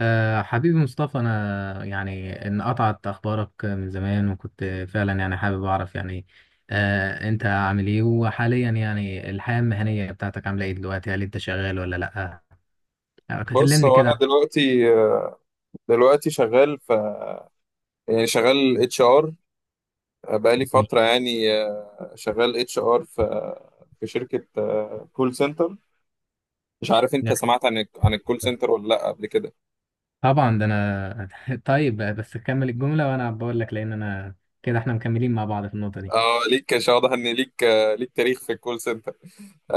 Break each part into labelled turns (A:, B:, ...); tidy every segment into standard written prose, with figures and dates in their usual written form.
A: أه حبيبي مصطفى، أنا يعني إن قطعت أخبارك من زمان، وكنت فعلا يعني حابب أعرف يعني أنت عامل إيه؟ وحاليا يعني الحياة المهنية بتاعتك عاملة إيه دلوقتي؟ هل أنت شغال ولا لأ؟ آه،
B: بص،
A: كلمني
B: هو انا
A: كده.
B: دلوقتي شغال في يعني شغال اتش ار بقالي فتره. يعني شغال اتش ار في شركه كول سنتر. مش عارف انت
A: عن-
B: سمعت عن الكول سنتر ولا لا قبل كده؟
A: طبعا ده أنا. طيب بس كمل الجملة وأنا بقول لك، لأن أنا كده إحنا مكملين مع بعض في النقطة دي.
B: اه، ليك، مش واضح ان ليك تاريخ في الكول سنتر.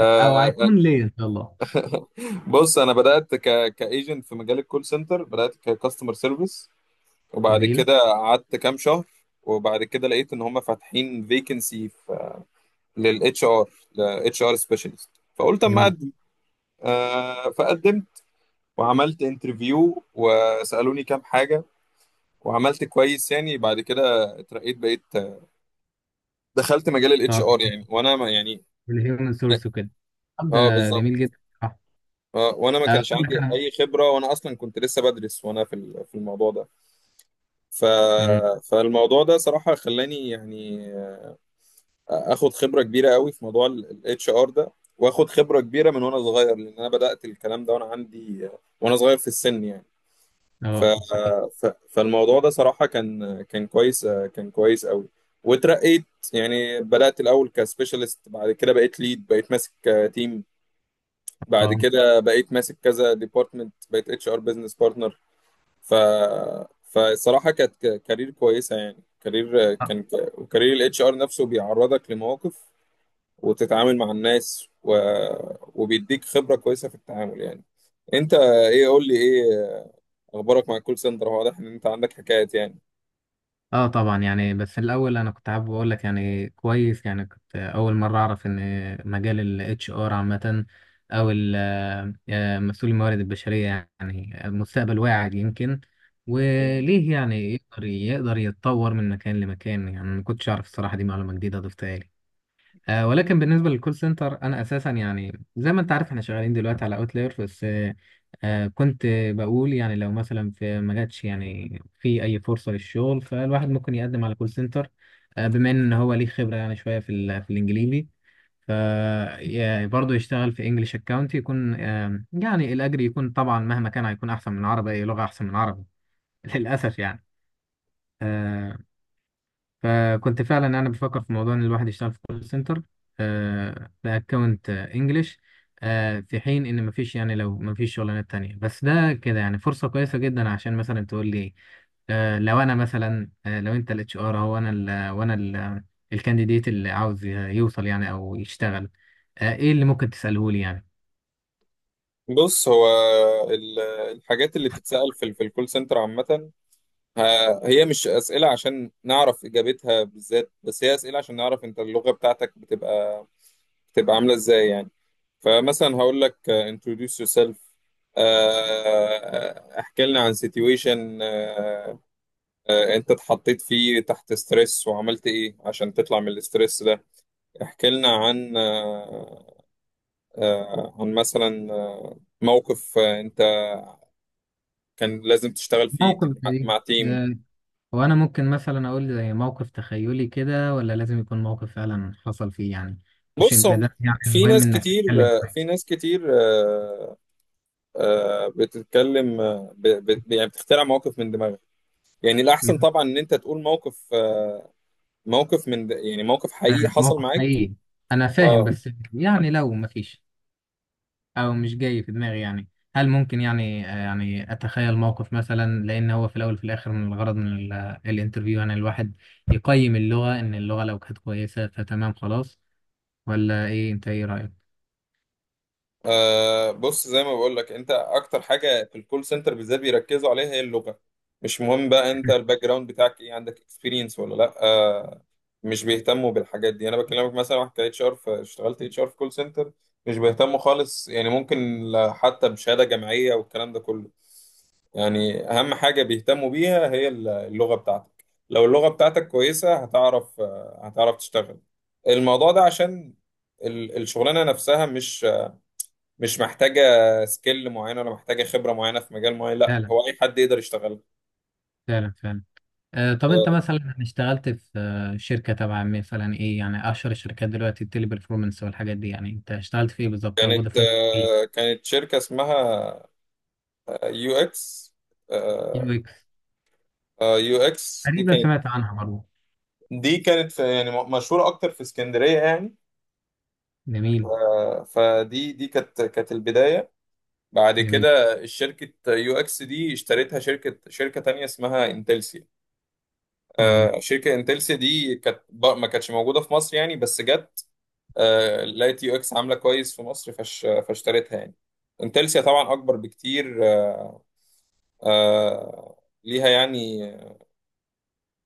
A: أو هيكون ليه إن شاء الله.
B: بص، انا بدات كايجنت في مجال الكول سنتر، بدات ككاستمر سيرفيس، وبعد
A: جميل.
B: كده قعدت كام شهر. وبعد كده لقيت ان هم فاتحين فيكنسي للاتش ار لاتش ار سبيشالست، فقلت اما
A: جميل.
B: اقدم. فقدمت وعملت انترفيو وسالوني كام حاجه، وعملت كويس. يعني بعد كده اترقيت، دخلت مجال الاتش
A: طب
B: ار يعني وانا ما يعني
A: الهيومن سورس وكده. طب
B: اه،
A: ده
B: بالظبط.
A: جميل جدا.
B: وانا ما كانش
A: أقول
B: عندي
A: لك
B: اي خبره، وانا اصلا كنت لسه بدرس وانا في الموضوع ده. ف
A: أنا.
B: فالموضوع ده صراحه خلاني يعني اخد خبره كبيره قوي في موضوع الاتش ار ده، واخد خبره كبيره من وانا صغير، لان انا بدات الكلام ده وانا صغير في السن يعني. ف...
A: اه صحيح.
B: فالموضوع ده صراحه كان كان كويس كان كويس قوي، واترقيت. يعني بدات الاول كسبيشالست، بعد كده بقيت ليد، بقيت ماسك تيم، بعد
A: اه.
B: كده بقيت ماسك كذا ديبارتمنت، بقيت اتش ار بزنس بارتنر. ف فالصراحه كانت كارير كويسه، يعني كارير
A: اه.
B: كان وكارير الاتش ار نفسه بيعرضك لمواقف، وتتعامل مع الناس، وبيديك خبرة كويسة في التعامل يعني. انت ايه قول لي ايه اخبارك مع الكول سنتر؟ هو واضح ان انت عندك حكايات يعني.
A: آه طبعا يعني، بس الاول انا كنت حابب اقول لك، يعني كويس، يعني كنت اول مره اعرف ان مجال الاتش ار عامه، او ال- مسؤول الموارد البشريه، يعني المستقبل واعد يمكن،
B: مم.
A: وليه يعني يقدر يتطور من مكان لمكان. يعني ما كنتش اعرف الصراحه، دي معلومه جديده ضفتها لي. ولكن بالنسبه للكول سنتر، انا اساسا يعني زي ما انت عارف احنا شغالين دلوقتي على اوتلاير بس. كنت بقول يعني لو مثلا في ما جاتش يعني في اي فرصه للشغل، فالواحد ممكن يقدم على كول سنتر، بما ان هو ليه خبره يعني شويه في الانجليزي. ف برضه يشتغل في انجلش اكاونت، يكون يعني الاجر يكون طبعا مهما كان هيكون احسن من العربي. اي لغه احسن من العربي للاسف يعني. آه، فكنت فعلا انا بفكر في موضوع ان الواحد يشتغل في كول سنتر باكونت انجلش، في حين ان مفيش، يعني لو مفيش شغلانات تانية. بس ده كده يعني فرصة كويسة جدا، عشان مثلا تقول لي، لو انا مثلا، لو انت الاتش ار، هو انا ال وانا ال الكانديديت اللي عاوز يوصل يعني او يشتغل، ايه اللي ممكن تساله لي يعني؟
B: بص، هو ال- الحاجات اللي بتتسأل في الكول سنتر عامة، هي مش أسئلة عشان نعرف إجابتها بالذات، بس هي أسئلة عشان نعرف أنت اللغة بتاعتك بتبقى عاملة إزاي يعني. فمثلا هقول لك introduce yourself. آه، احكي لنا عن situation انت اتحطيت فيه تحت ستريس وعملت ايه عشان تطلع من الاسترس ده. احكي لنا عن آه، آه، عن مثلا آه، موقف انت كان لازم تشتغل فيه
A: موقف
B: مع
A: زي
B: تيم.
A: ده؟ هو انا ممكن مثلا اقول زي موقف تخيلي كده، ولا لازم يكون موقف فعلا حصل فيه يعني؟ مش
B: بص، هو
A: البداية، يعني
B: في
A: المهم
B: ناس
A: انك
B: كتير،
A: تتكلم
B: آه، في
A: كويس.
B: ناس كتير آه، بتتكلم، يعني بتخترع مواقف من دماغك. يعني الأحسن
A: يبقى
B: طبعا إن أنت تقول موقف، يعني موقف حقيقي حصل
A: موقف
B: معاك.
A: حقيقي. انا فاهم،
B: اه.
A: بس يعني لو مفيش او مش جاي في دماغي، يعني هل ممكن يعني يعني اتخيل موقف مثلا؟ لان هو في الاول وفي الاخر، من الغرض من الانترفيو يعني الواحد يقيم اللغة، ان اللغة لو كانت كويسة فتمام خلاص. ولا ايه؟ انت ايه رأيك؟
B: بص، زي ما بقول لك، انت اكتر حاجه في الكول سنتر بالذات بيركزوا عليها هي اللغه. مش مهم بقى انت الباك جراوند بتاعك ايه، عندك اكسبيرينس ولا لا. آه، مش بيهتموا بالحاجات دي. انا بكلمك مثلا، واحد كاتش ار اشتغلت اتش ار في كول سنتر، مش بيهتموا خالص يعني. ممكن حتى بشهاده جامعيه والكلام ده كله. يعني اهم حاجه بيهتموا بيها هي اللغه بتاعتك. لو اللغه بتاعتك كويسه، هتعرف، آه، هتعرف تشتغل الموضوع ده، عشان الشغلانه نفسها مش محتاجة سكيل معينة، ولا محتاجة خبرة معينة في مجال معين. لا،
A: فعلا،
B: هو أي حد يقدر يشتغلها.
A: فعلا، فعلا. طب انت
B: آه،
A: مثلا اشتغلت في شركة تبع مثلا ايه؟ يعني اشهر الشركات دلوقتي التيلي performance والحاجات دي، يعني انت اشتغلت في ايه بالظبط؟ او فودافون في ايه؟
B: كانت شركة اسمها يو اكس.
A: يو اكس.
B: يو اكس
A: تقريبا سمعت عنها برضه.
B: دي كانت يعني مشهورة أكتر في اسكندرية يعني.
A: جميل.
B: آه، دي كانت البداية. بعد
A: جميل.
B: كده، شركة يو اكس دي اشتريتها شركة تانية اسمها انتلسيا.
A: امم.
B: آه، شركة انتلسيا دي كانت ما كانتش موجودة في مصر يعني، بس جت. آه، لقيت يو اكس عامله كويس في مصر، فاشتريتها يعني. انتلسيا طبعا اكبر بكتير، آه، آه، ليها يعني،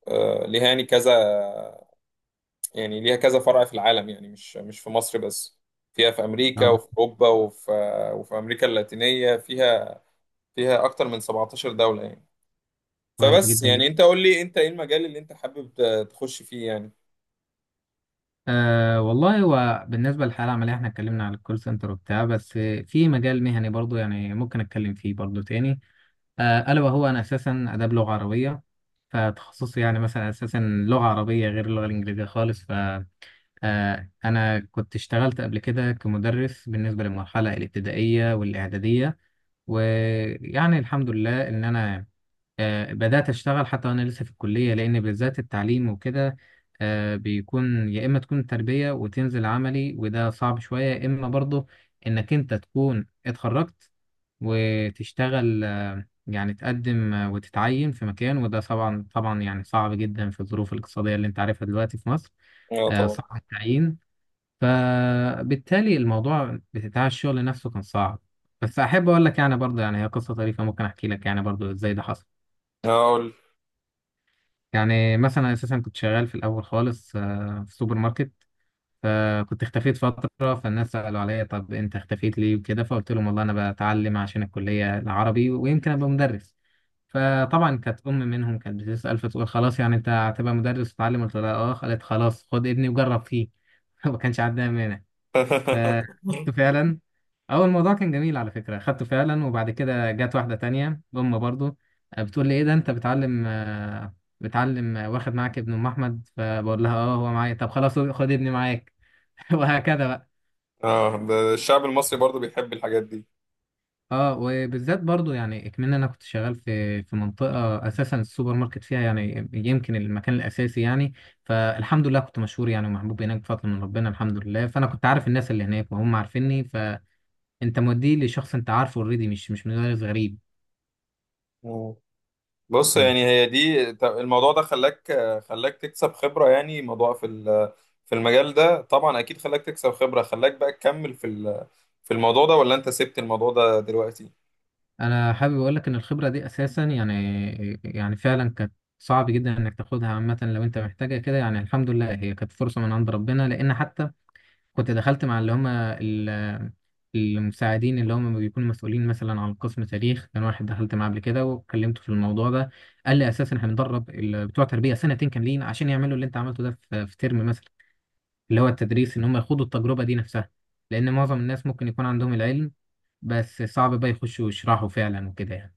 B: كذا. يعني ليها كذا فرع في العالم، يعني مش مش في مصر بس، فيها في امريكا
A: طب
B: وفي اوروبا، وفي امريكا اللاتينيه. فيها اكتر من 17 دوله يعني.
A: كويس
B: فبس
A: جدا جدا.
B: يعني انت قول لي انت ايه المجال اللي انت حابب تخش فيه يعني.
A: أه والله، هو بالنسبة للحالة العملية احنا اتكلمنا على الكول سنتر وبتاع، بس في مجال مهني برضه يعني ممكن اتكلم فيه برضه تاني. ألا وهو أنا أساسا آداب لغة عربية، فتخصصي يعني مثلا أساسا لغة عربية، غير اللغة الإنجليزية خالص. أنا كنت اشتغلت قبل كده كمدرس بالنسبة للمرحلة الابتدائية والإعدادية. ويعني الحمد لله إن أنا بدأت أشتغل حتى وأنا لسه في الكلية، لأن بالذات التعليم وكده بيكون يا إما تكون تربية وتنزل عملي، وده صعب شوية، يا إما برضه إنك أنت تكون اتخرجت وتشتغل، يعني تقدم وتتعين في مكان، وده طبعا طبعا يعني صعب جدا في الظروف الاقتصادية اللي أنت عارفها دلوقتي في مصر.
B: اه طبعا.
A: صعب التعيين، فبالتالي الموضوع بتاع الشغل نفسه كان صعب. بس احب اقول لك يعني برضه، يعني هي قصه طريفه، ممكن احكي لك يعني برضه ازاي ده حصل.
B: اقول.
A: يعني مثلا اساسا كنت شغال في الاول خالص في سوبر ماركت. فكنت اختفيت فتره، فالناس سالوا عليا طب انت اختفيت ليه وكده، فقلت لهم والله انا بتعلم عشان الكليه العربي ويمكن ابقى مدرس. فطبعا كانت ام منهم كانت بتسال، فتقول خلاص يعني انت هتبقى مدرس وتتعلم؟ قلت لها اه، قالت خلاص خد ابني وجرب فيه. ما كانش عندها مانع. فاخدته فعلا، اول الموضوع كان جميل على فكره. خدته فعلا، وبعد كده جت واحده تانية ام برضو بتقول لي ايه ده انت بتعلم؟ واخد معاك ابن ام احمد؟ فبقول لها اه هو معايا. طب خلاص خد ابني معاك. وهكذا بقى.
B: اه، ده الشعب المصري برضو بيحب الحاجات دي.
A: اه وبالذات برضو يعني اكمن انا كنت شغال في منطقه اساسا السوبر ماركت فيها، يعني يمكن المكان الاساسي يعني. فالحمد لله كنت مشهور يعني ومحبوب هناك بفضل من ربنا، الحمد لله. فانا كنت عارف الناس اللي هناك وهم عارفيني. انت موديه لشخص انت عارفه اوريدي، مش مدرس غريب.
B: بص،
A: مم.
B: يعني هي دي، الموضوع ده خلاك تكسب خبرة. يعني موضوع في المجال ده، طبعا أكيد خلاك تكسب خبرة. خلاك بقى تكمل في الموضوع ده، ولا أنت سبت الموضوع ده دلوقتي؟
A: انا حابب اقول لك ان الخبره دي اساسا يعني، يعني فعلا كانت صعب جدا انك تاخدها عامه لو انت محتاجها كده. يعني الحمد لله هي كانت فرصه من عند ربنا، لان حتى كنت دخلت مع اللي هم المساعدين اللي هم بيكونوا مسؤولين مثلا عن قسم تاريخ، كان واحد دخلت معاه قبل كده وكلمته في الموضوع ده، قال لي اساسا احنا بندرب بتوع تربيه سنتين كاملين عشان يعملوا اللي انت عملته ده في ترم مثلا، اللي هو التدريس، ان هم يخوضوا التجربة دي نفسها. لان معظم الناس ممكن يكون عندهم العلم، بس صعب بقى يخشوا يشرحوا فعلا وكده يعني.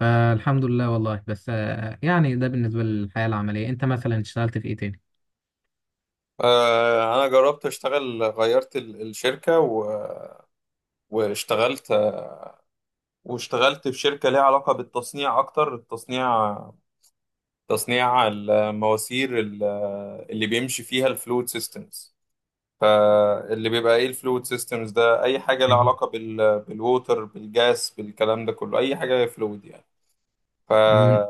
A: فالحمد لله والله. بس يعني ده بالنسبة للحياة العملية. انت مثلا اشتغلت في ايه تاني؟
B: آه، أنا جربت أشتغل، غيرت الشركة واشتغلت واشتغلت في شركة ليها علاقة بالتصنيع أكتر، التصنيع، تصنيع المواسير اللي بيمشي فيها الفلويد سيستمز. فاللي بيبقى ايه الفلويد سيستمز ده؟ اي حاجه لها
A: أيوة.
B: علاقه بالووتر، بالجاس، بالكلام ده كله، اي حاجه فلويد يعني. ف
A: مم.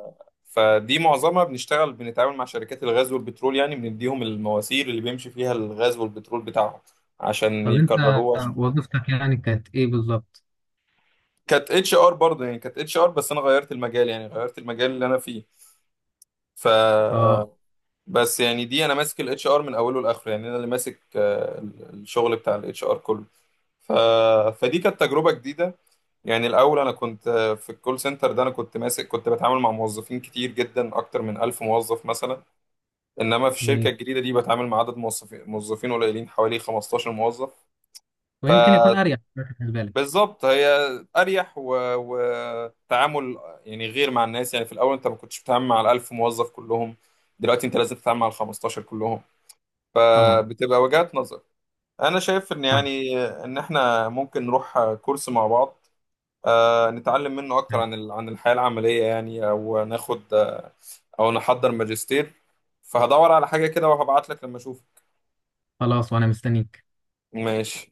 B: فدي معظمها بنشتغل، بنتعامل مع شركات الغاز والبترول يعني، بنديهم المواسير اللي بيمشي فيها الغاز والبترول بتاعهم عشان
A: طب انت
B: يكرروه عشان-
A: وظيفتك يعني كانت ايه بالظبط؟
B: كانت اتش ار برضه. يعني كانت اتش ار، بس انا غيرت المجال، يعني غيرت المجال اللي انا فيه. ف
A: اه
B: بس يعني دي انا ماسك الاتش ار من اوله لاخره، يعني انا اللي ماسك، آه، الشغل بتاع الاتش ار كله. ف... فدي كانت تجربة جديدة. يعني الأول أنا كنت في الكول سنتر ده، أنا كنت ماسك، كنت بتعامل مع موظفين كتير جدا، أكتر من 1000 موظف مثلا. إنما في الشركة
A: جميل.
B: الجديدة دي بتعامل مع عدد موظفين قليلين، حوالي 15 موظف.
A: ويمكن يكون اريح بالنسبة لك.
B: فبالظبط، هي أريح وتعامل يعني غير مع الناس. يعني في الأول أنت ما كنتش بتتعامل مع ال1000 موظف كلهم، دلوقتي أنت لازم تتعامل مع ال 15 كلهم.
A: طبعا.
B: فبتبقى وجهات نظر. أنا شايف إن
A: صحيح.
B: يعني إن إحنا ممكن نروح كورس مع بعض، آه، نتعلم منه اكتر عن عن الحياة العملية يعني، او ناخد، آه، او نحضر ماجستير. فهدور على حاجة كده وهبعت لك لما اشوف.
A: خلاص وانا مستنيك.
B: ماشي.